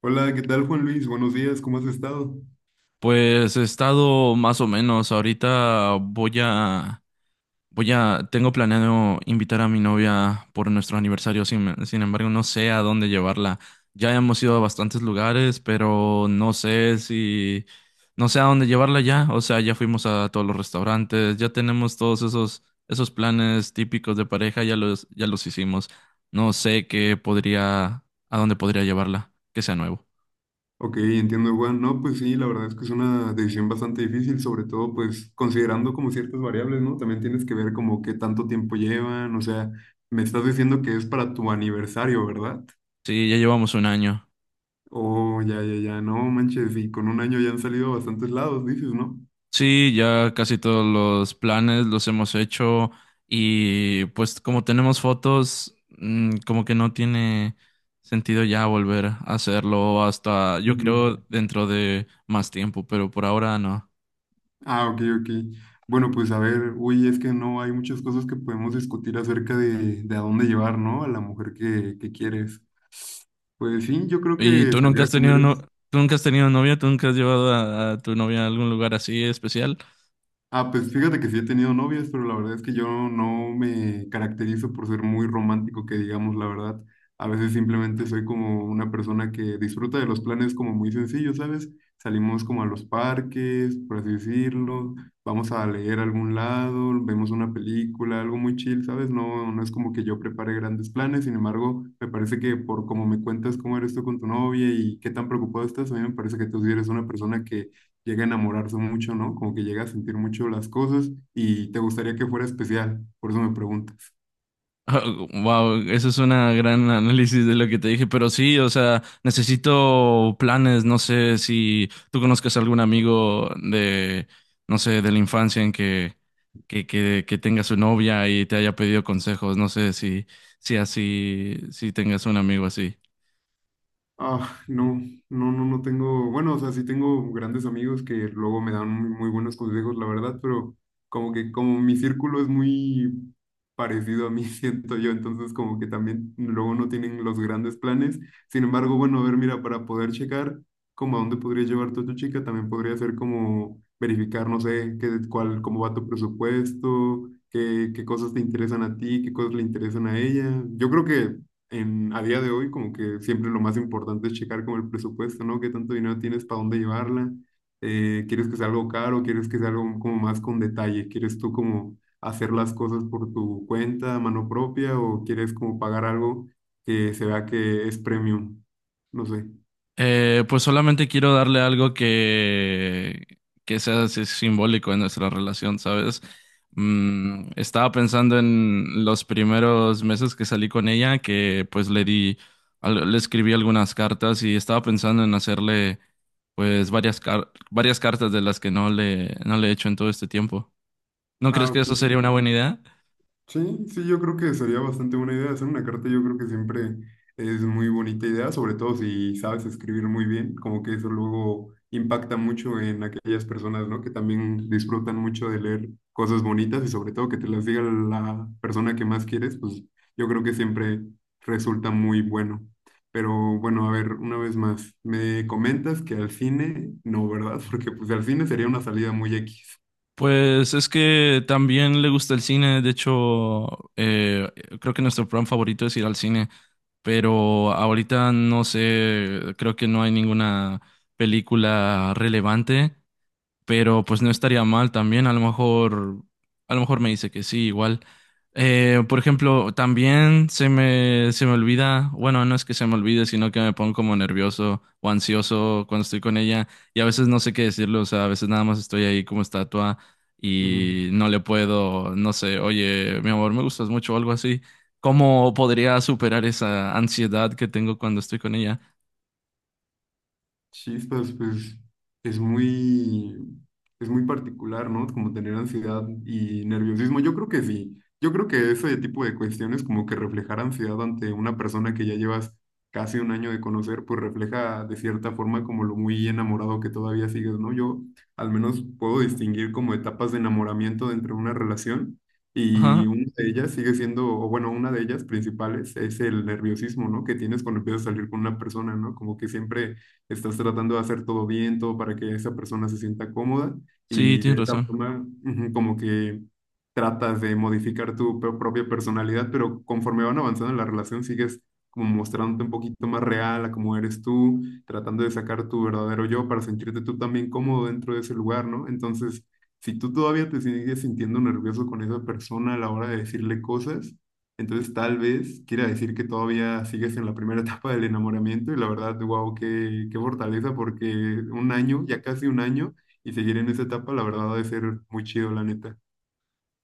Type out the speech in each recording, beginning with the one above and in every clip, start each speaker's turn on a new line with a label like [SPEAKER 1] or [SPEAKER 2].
[SPEAKER 1] Hola, ¿qué tal Juan Luis? Buenos días, ¿cómo has estado?
[SPEAKER 2] Pues he estado más o menos. Ahorita voy a, tengo planeado invitar a mi novia por nuestro aniversario. Sin embargo, no sé a dónde llevarla. Ya hemos ido a bastantes lugares, pero no sé a dónde llevarla ya. O sea, ya fuimos a todos los restaurantes, ya tenemos todos esos planes típicos de pareja, ya los hicimos. No sé qué podría, ¿A dónde podría llevarla, que sea nuevo?
[SPEAKER 1] Ok, entiendo Juan. No, pues sí, la verdad es que es una decisión bastante difícil, sobre todo pues considerando como ciertas variables, ¿no? También tienes que ver como qué tanto tiempo llevan, o sea, me estás diciendo que es para tu aniversario, ¿verdad?
[SPEAKER 2] Sí, ya llevamos 1 año.
[SPEAKER 1] Oh, ya, ya, ya, no manches, y con un año ya han salido a bastantes lados, dices, ¿no?
[SPEAKER 2] Sí, ya casi todos los planes los hemos hecho y pues como tenemos fotos, como que no tiene sentido ya volver a hacerlo hasta, yo
[SPEAKER 1] Ujú.
[SPEAKER 2] creo, dentro de más tiempo, pero por ahora no.
[SPEAKER 1] Ah, ok, ok. Bueno, pues a ver, uy, es que no hay muchas cosas que podemos discutir acerca de a dónde llevar, ¿no? A la mujer que quieres. Pues sí, yo creo
[SPEAKER 2] ¿Y
[SPEAKER 1] que
[SPEAKER 2] tú nunca
[SPEAKER 1] salir
[SPEAKER 2] has
[SPEAKER 1] a comer
[SPEAKER 2] tenido no,
[SPEAKER 1] es...
[SPEAKER 2] tú nunca has tenido novia? ¿Tú nunca has llevado a tu novia a algún lugar así especial?
[SPEAKER 1] Ah, pues fíjate que sí he tenido novias, pero la verdad es que yo no me caracterizo por ser muy romántico, que digamos la verdad. A veces simplemente soy como una persona que disfruta de los planes como muy sencillos, ¿sabes? Salimos como a los parques, por así decirlo, vamos a leer a algún lado, vemos una película, algo muy chill, ¿sabes? No, no es como que yo prepare grandes planes, sin embargo, me parece que por como me cuentas cómo eres tú con tu novia y qué tan preocupado estás, a mí me parece que tú sí eres una persona que llega a enamorarse mucho, ¿no? Como que llega a sentir mucho las cosas y te gustaría que fuera especial, por eso me pregunto.
[SPEAKER 2] Wow, eso es una gran análisis de lo que te dije, pero sí, o sea, necesito planes, no sé si tú conozcas algún amigo de, no sé, de la infancia en que tenga su novia y te haya pedido consejos, no sé si, si así, si tengas un amigo así.
[SPEAKER 1] Ah, no, no, no, no tengo, bueno, o sea, sí tengo grandes amigos que luego me dan muy, muy buenos consejos, la verdad, pero como que como mi círculo es muy parecido a mí, siento yo, entonces como que también luego no tienen los grandes planes. Sin embargo, bueno, a ver, mira, para poder checar como a dónde podría llevar tu chica, también podría ser como verificar, no sé, qué, cuál, cómo va tu presupuesto, qué, qué cosas te interesan a ti, qué cosas le interesan a ella. Yo creo que en, a día de hoy, como que siempre lo más importante es checar como el presupuesto, ¿no? ¿Qué tanto dinero tienes para dónde llevarla? ¿Quieres que sea algo caro? ¿Quieres que sea algo como más con detalle? ¿Quieres tú como hacer las cosas por tu cuenta, a mano propia? ¿O quieres como pagar algo que se vea que es premium? No sé.
[SPEAKER 2] Pues solamente quiero darle algo que sea así simbólico en nuestra relación, ¿sabes? Estaba pensando en los primeros meses que salí con ella, que pues le di, le escribí algunas cartas y estaba pensando en hacerle pues varias cartas de las que no le he hecho en todo este tiempo. ¿No
[SPEAKER 1] Ah,
[SPEAKER 2] crees que eso
[SPEAKER 1] ok.
[SPEAKER 2] sería una buena idea?
[SPEAKER 1] Sí, sí, yo creo que sería bastante buena idea hacer una carta. Yo creo que siempre es muy bonita idea, sobre todo si sabes escribir muy bien, como que eso luego impacta mucho en aquellas personas, ¿no? Que también disfrutan mucho de leer cosas bonitas y sobre todo que te las diga la persona que más quieres, pues yo creo que siempre resulta muy bueno. Pero bueno, a ver, una vez más, me comentas que al cine no, ¿verdad? Porque pues al cine sería una salida muy X.
[SPEAKER 2] Pues es que también le gusta el cine, de hecho, creo que nuestro plan favorito es ir al cine, pero ahorita no sé, creo que no hay ninguna película relevante, pero pues no estaría mal también, a lo mejor me dice que sí, igual. Por ejemplo, también se me olvida, bueno, no es que se me olvide, sino que me pongo como nervioso o ansioso cuando estoy con ella y a veces no sé qué decirle, o sea, a veces nada más estoy ahí como estatua y no le puedo, no sé, oye, mi amor, me gustas mucho o algo así. ¿Cómo podría superar esa ansiedad que tengo cuando estoy con ella?
[SPEAKER 1] Chispas, pues, es muy, es muy particular, ¿no? Como tener ansiedad y nerviosismo. Yo creo que sí. Yo creo que ese tipo de cuestiones, como que reflejar ansiedad ante una persona que ya llevas casi un año de conocer, pues refleja de cierta forma como lo muy enamorado que todavía sigues, ¿no? Yo al menos puedo distinguir como etapas de enamoramiento dentro de una relación
[SPEAKER 2] Ajá,
[SPEAKER 1] y una de ellas sigue siendo, o bueno, una de ellas principales es el nerviosismo, ¿no? Que tienes cuando empiezas a salir con una persona, ¿no? Como que siempre estás tratando de hacer todo bien, todo para que esa persona se sienta cómoda
[SPEAKER 2] sí,
[SPEAKER 1] y de
[SPEAKER 2] tienes
[SPEAKER 1] esa
[SPEAKER 2] razón.
[SPEAKER 1] forma ujú, como que tratas de modificar tu propia personalidad, pero conforme van avanzando en la relación sigues como mostrándote un poquito más real a cómo eres tú, tratando de sacar tu verdadero yo para sentirte tú también cómodo dentro de ese lugar, ¿no? Entonces, si tú todavía te sigues sintiendo nervioso con esa persona a la hora de decirle cosas, entonces tal vez quiera decir que todavía sigues en la primera etapa del enamoramiento y la verdad, wow, qué, qué fortaleza porque un año, ya casi un año, y seguir en esa etapa, la verdad, ha de ser muy chido, la neta.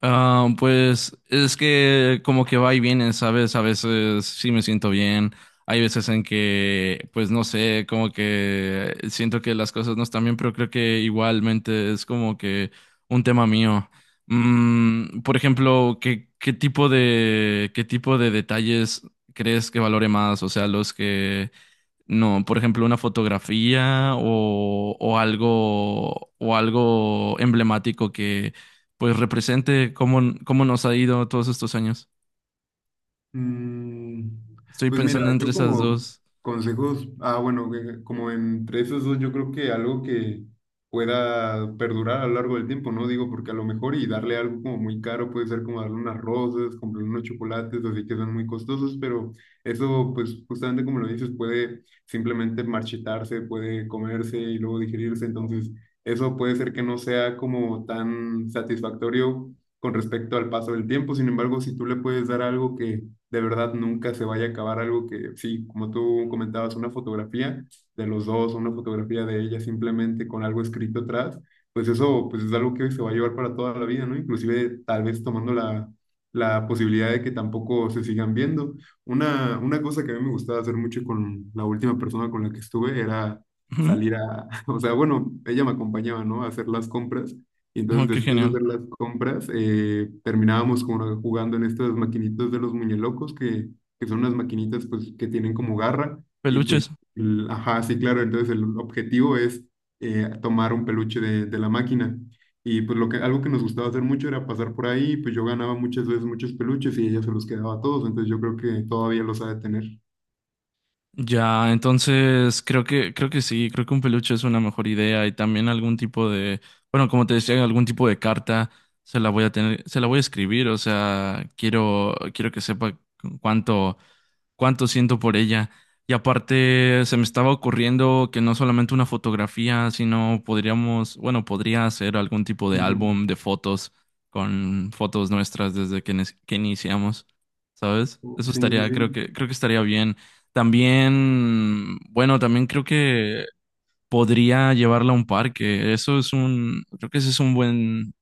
[SPEAKER 2] Ah, pues es que como que va y viene, ¿sabes? A veces sí me siento bien, hay veces en que, pues no sé, como que siento que las cosas no están bien, pero creo que igualmente es como que un tema mío. Por ejemplo, ¿qué tipo de detalles crees que valore más? O sea, los que no, por ejemplo, una fotografía o algo emblemático que pues represente cómo nos ha ido todos estos años.
[SPEAKER 1] Mm,
[SPEAKER 2] Estoy
[SPEAKER 1] pues mira,
[SPEAKER 2] pensando entre
[SPEAKER 1] yo
[SPEAKER 2] esas
[SPEAKER 1] como
[SPEAKER 2] dos.
[SPEAKER 1] consejos, ah, bueno, como entre esos dos, yo creo que algo que pueda perdurar a lo largo del tiempo, ¿no? Digo, porque a lo mejor y darle algo como muy caro puede ser como darle unas rosas, comprar unos chocolates, así que son muy costosos, pero eso, pues justamente como lo dices, puede simplemente marchitarse, puede comerse y luego digerirse, entonces eso puede ser que no sea como tan satisfactorio con respecto al paso del tiempo, sin embargo, si tú le puedes dar algo que de verdad nunca se vaya a acabar algo que, sí, como tú comentabas, una fotografía de los dos, una fotografía de ella simplemente con algo escrito atrás, pues eso pues es algo que se va a llevar para toda la vida, ¿no? Inclusive tal vez tomando la posibilidad de que tampoco se sigan viendo. Una cosa que a mí me gustaba hacer mucho con la última persona con la que estuve era
[SPEAKER 2] Ujú.
[SPEAKER 1] salir a, o sea, bueno, ella me acompañaba, ¿no? A hacer las compras y entonces
[SPEAKER 2] Oh, qué
[SPEAKER 1] después de
[SPEAKER 2] genial.
[SPEAKER 1] hacer las compras, terminábamos como jugando en estas maquinitas de los muñelocos, que son unas maquinitas pues que tienen como garra. Y pues,
[SPEAKER 2] Peluches.
[SPEAKER 1] el- ajá, sí, claro, entonces el objetivo es tomar un peluche de la máquina. Y pues lo que, algo que nos gustaba hacer mucho era pasar por ahí, pues yo ganaba muchas veces muchos peluches y ella se los quedaba a todos, entonces yo creo que todavía los ha de tener.
[SPEAKER 2] Ya, entonces creo que sí, creo que un peluche es una mejor idea y también algún tipo de, bueno, como te decía, algún tipo de carta se la voy a escribir, o sea, quiero que sepa cuánto cuánto siento por ella. Y aparte, se me estaba ocurriendo que no solamente una fotografía, sino podríamos, bueno, podría hacer algún tipo de álbum de fotos con fotos nuestras desde que, que iniciamos, ¿sabes?
[SPEAKER 1] Ujú.
[SPEAKER 2] Eso
[SPEAKER 1] Sí,
[SPEAKER 2] estaría,
[SPEAKER 1] sí,
[SPEAKER 2] creo que estaría bien. También, bueno, también creo que podría llevarla a un parque. Creo que ese es un buen,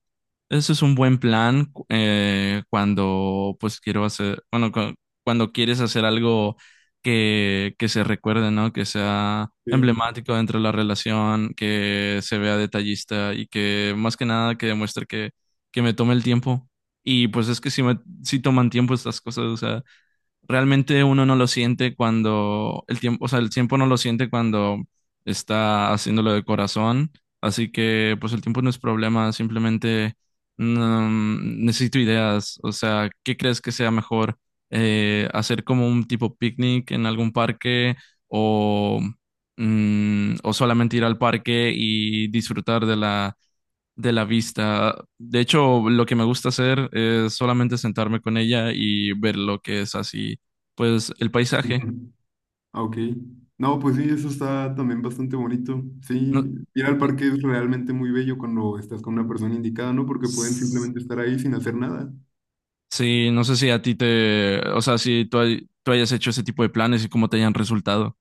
[SPEAKER 2] eso es un buen plan cuando pues quiero hacer, bueno, cuando quieres hacer algo que se recuerde, ¿no? Que sea
[SPEAKER 1] sí.
[SPEAKER 2] emblemático dentro de la relación, que se vea detallista y que más que nada que demuestre que me tome el tiempo. Y pues es que si toman tiempo estas cosas, realmente uno no lo siente cuando el tiempo, o sea, el tiempo no lo siente cuando está haciéndolo de corazón, así que pues el tiempo no es problema, simplemente necesito ideas, o sea, ¿qué crees que sea mejor? Hacer como un tipo picnic en algún parque o, o solamente ir al parque y disfrutar de la vista. De hecho, lo que me gusta hacer es solamente sentarme con ella y ver lo que es así pues el
[SPEAKER 1] Sí.
[SPEAKER 2] paisaje.
[SPEAKER 1] Ah, ok. No, pues sí, eso está también bastante bonito.
[SPEAKER 2] No,
[SPEAKER 1] Sí, ir al
[SPEAKER 2] no-
[SPEAKER 1] parque es realmente muy bello cuando estás con una persona indicada, ¿no? Porque pueden
[SPEAKER 2] s-
[SPEAKER 1] simplemente estar ahí sin hacer nada.
[SPEAKER 2] sí, no sé si a ti te, o sea, si tú, hay- tú hayas hecho ese tipo de planes y cómo te hayan resultado.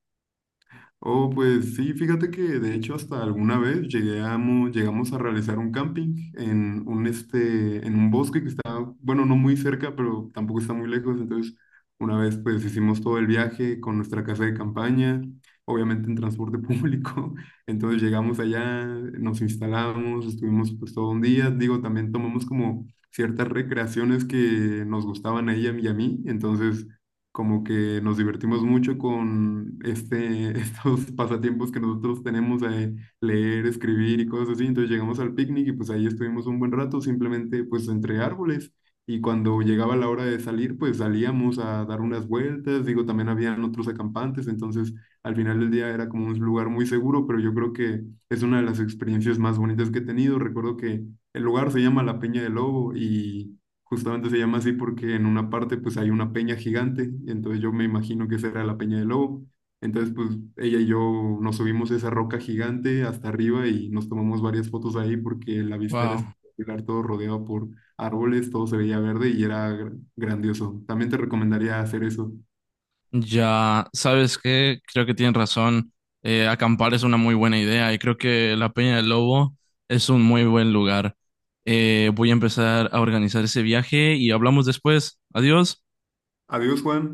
[SPEAKER 1] Oh, pues sí, fíjate que de hecho hasta alguna vez llegamos a realizar un camping en un, este, en un bosque que está, bueno, no muy cerca, pero tampoco está muy lejos. Entonces, una vez pues hicimos todo el viaje con nuestra casa de campaña, obviamente en transporte público. Entonces llegamos allá, nos instalamos, estuvimos pues todo un día. Digo, también tomamos como ciertas recreaciones que nos gustaban a ella y a mí. Entonces como que nos divertimos mucho con este, estos pasatiempos que nosotros tenemos de leer, escribir y cosas así. Entonces llegamos al picnic y pues ahí estuvimos un buen rato simplemente pues entre árboles. Y cuando llegaba la hora de salir, pues salíamos a dar unas vueltas. Digo, también habían otros acampantes, entonces al final del día era como un lugar muy seguro, pero yo creo que es una de las experiencias más bonitas que he tenido. Recuerdo que el lugar se llama La Peña del Lobo y... Justamente se llama así porque en una parte pues hay una peña gigante, y entonces yo me imagino que esa era la peña del lobo. Entonces pues ella y yo nos subimos a esa roca gigante hasta arriba y nos tomamos varias fotos ahí porque la vista era
[SPEAKER 2] Wow.
[SPEAKER 1] espectacular, todo rodeado por árboles, todo se veía verde y era grandioso. También te recomendaría hacer eso.
[SPEAKER 2] Ya, ¿sabes qué? Creo que tienen razón. Acampar es una muy buena idea y creo que la Peña del Lobo es un muy buen lugar. Voy a empezar a organizar ese viaje y hablamos después. Adiós.
[SPEAKER 1] Adiós, Juan.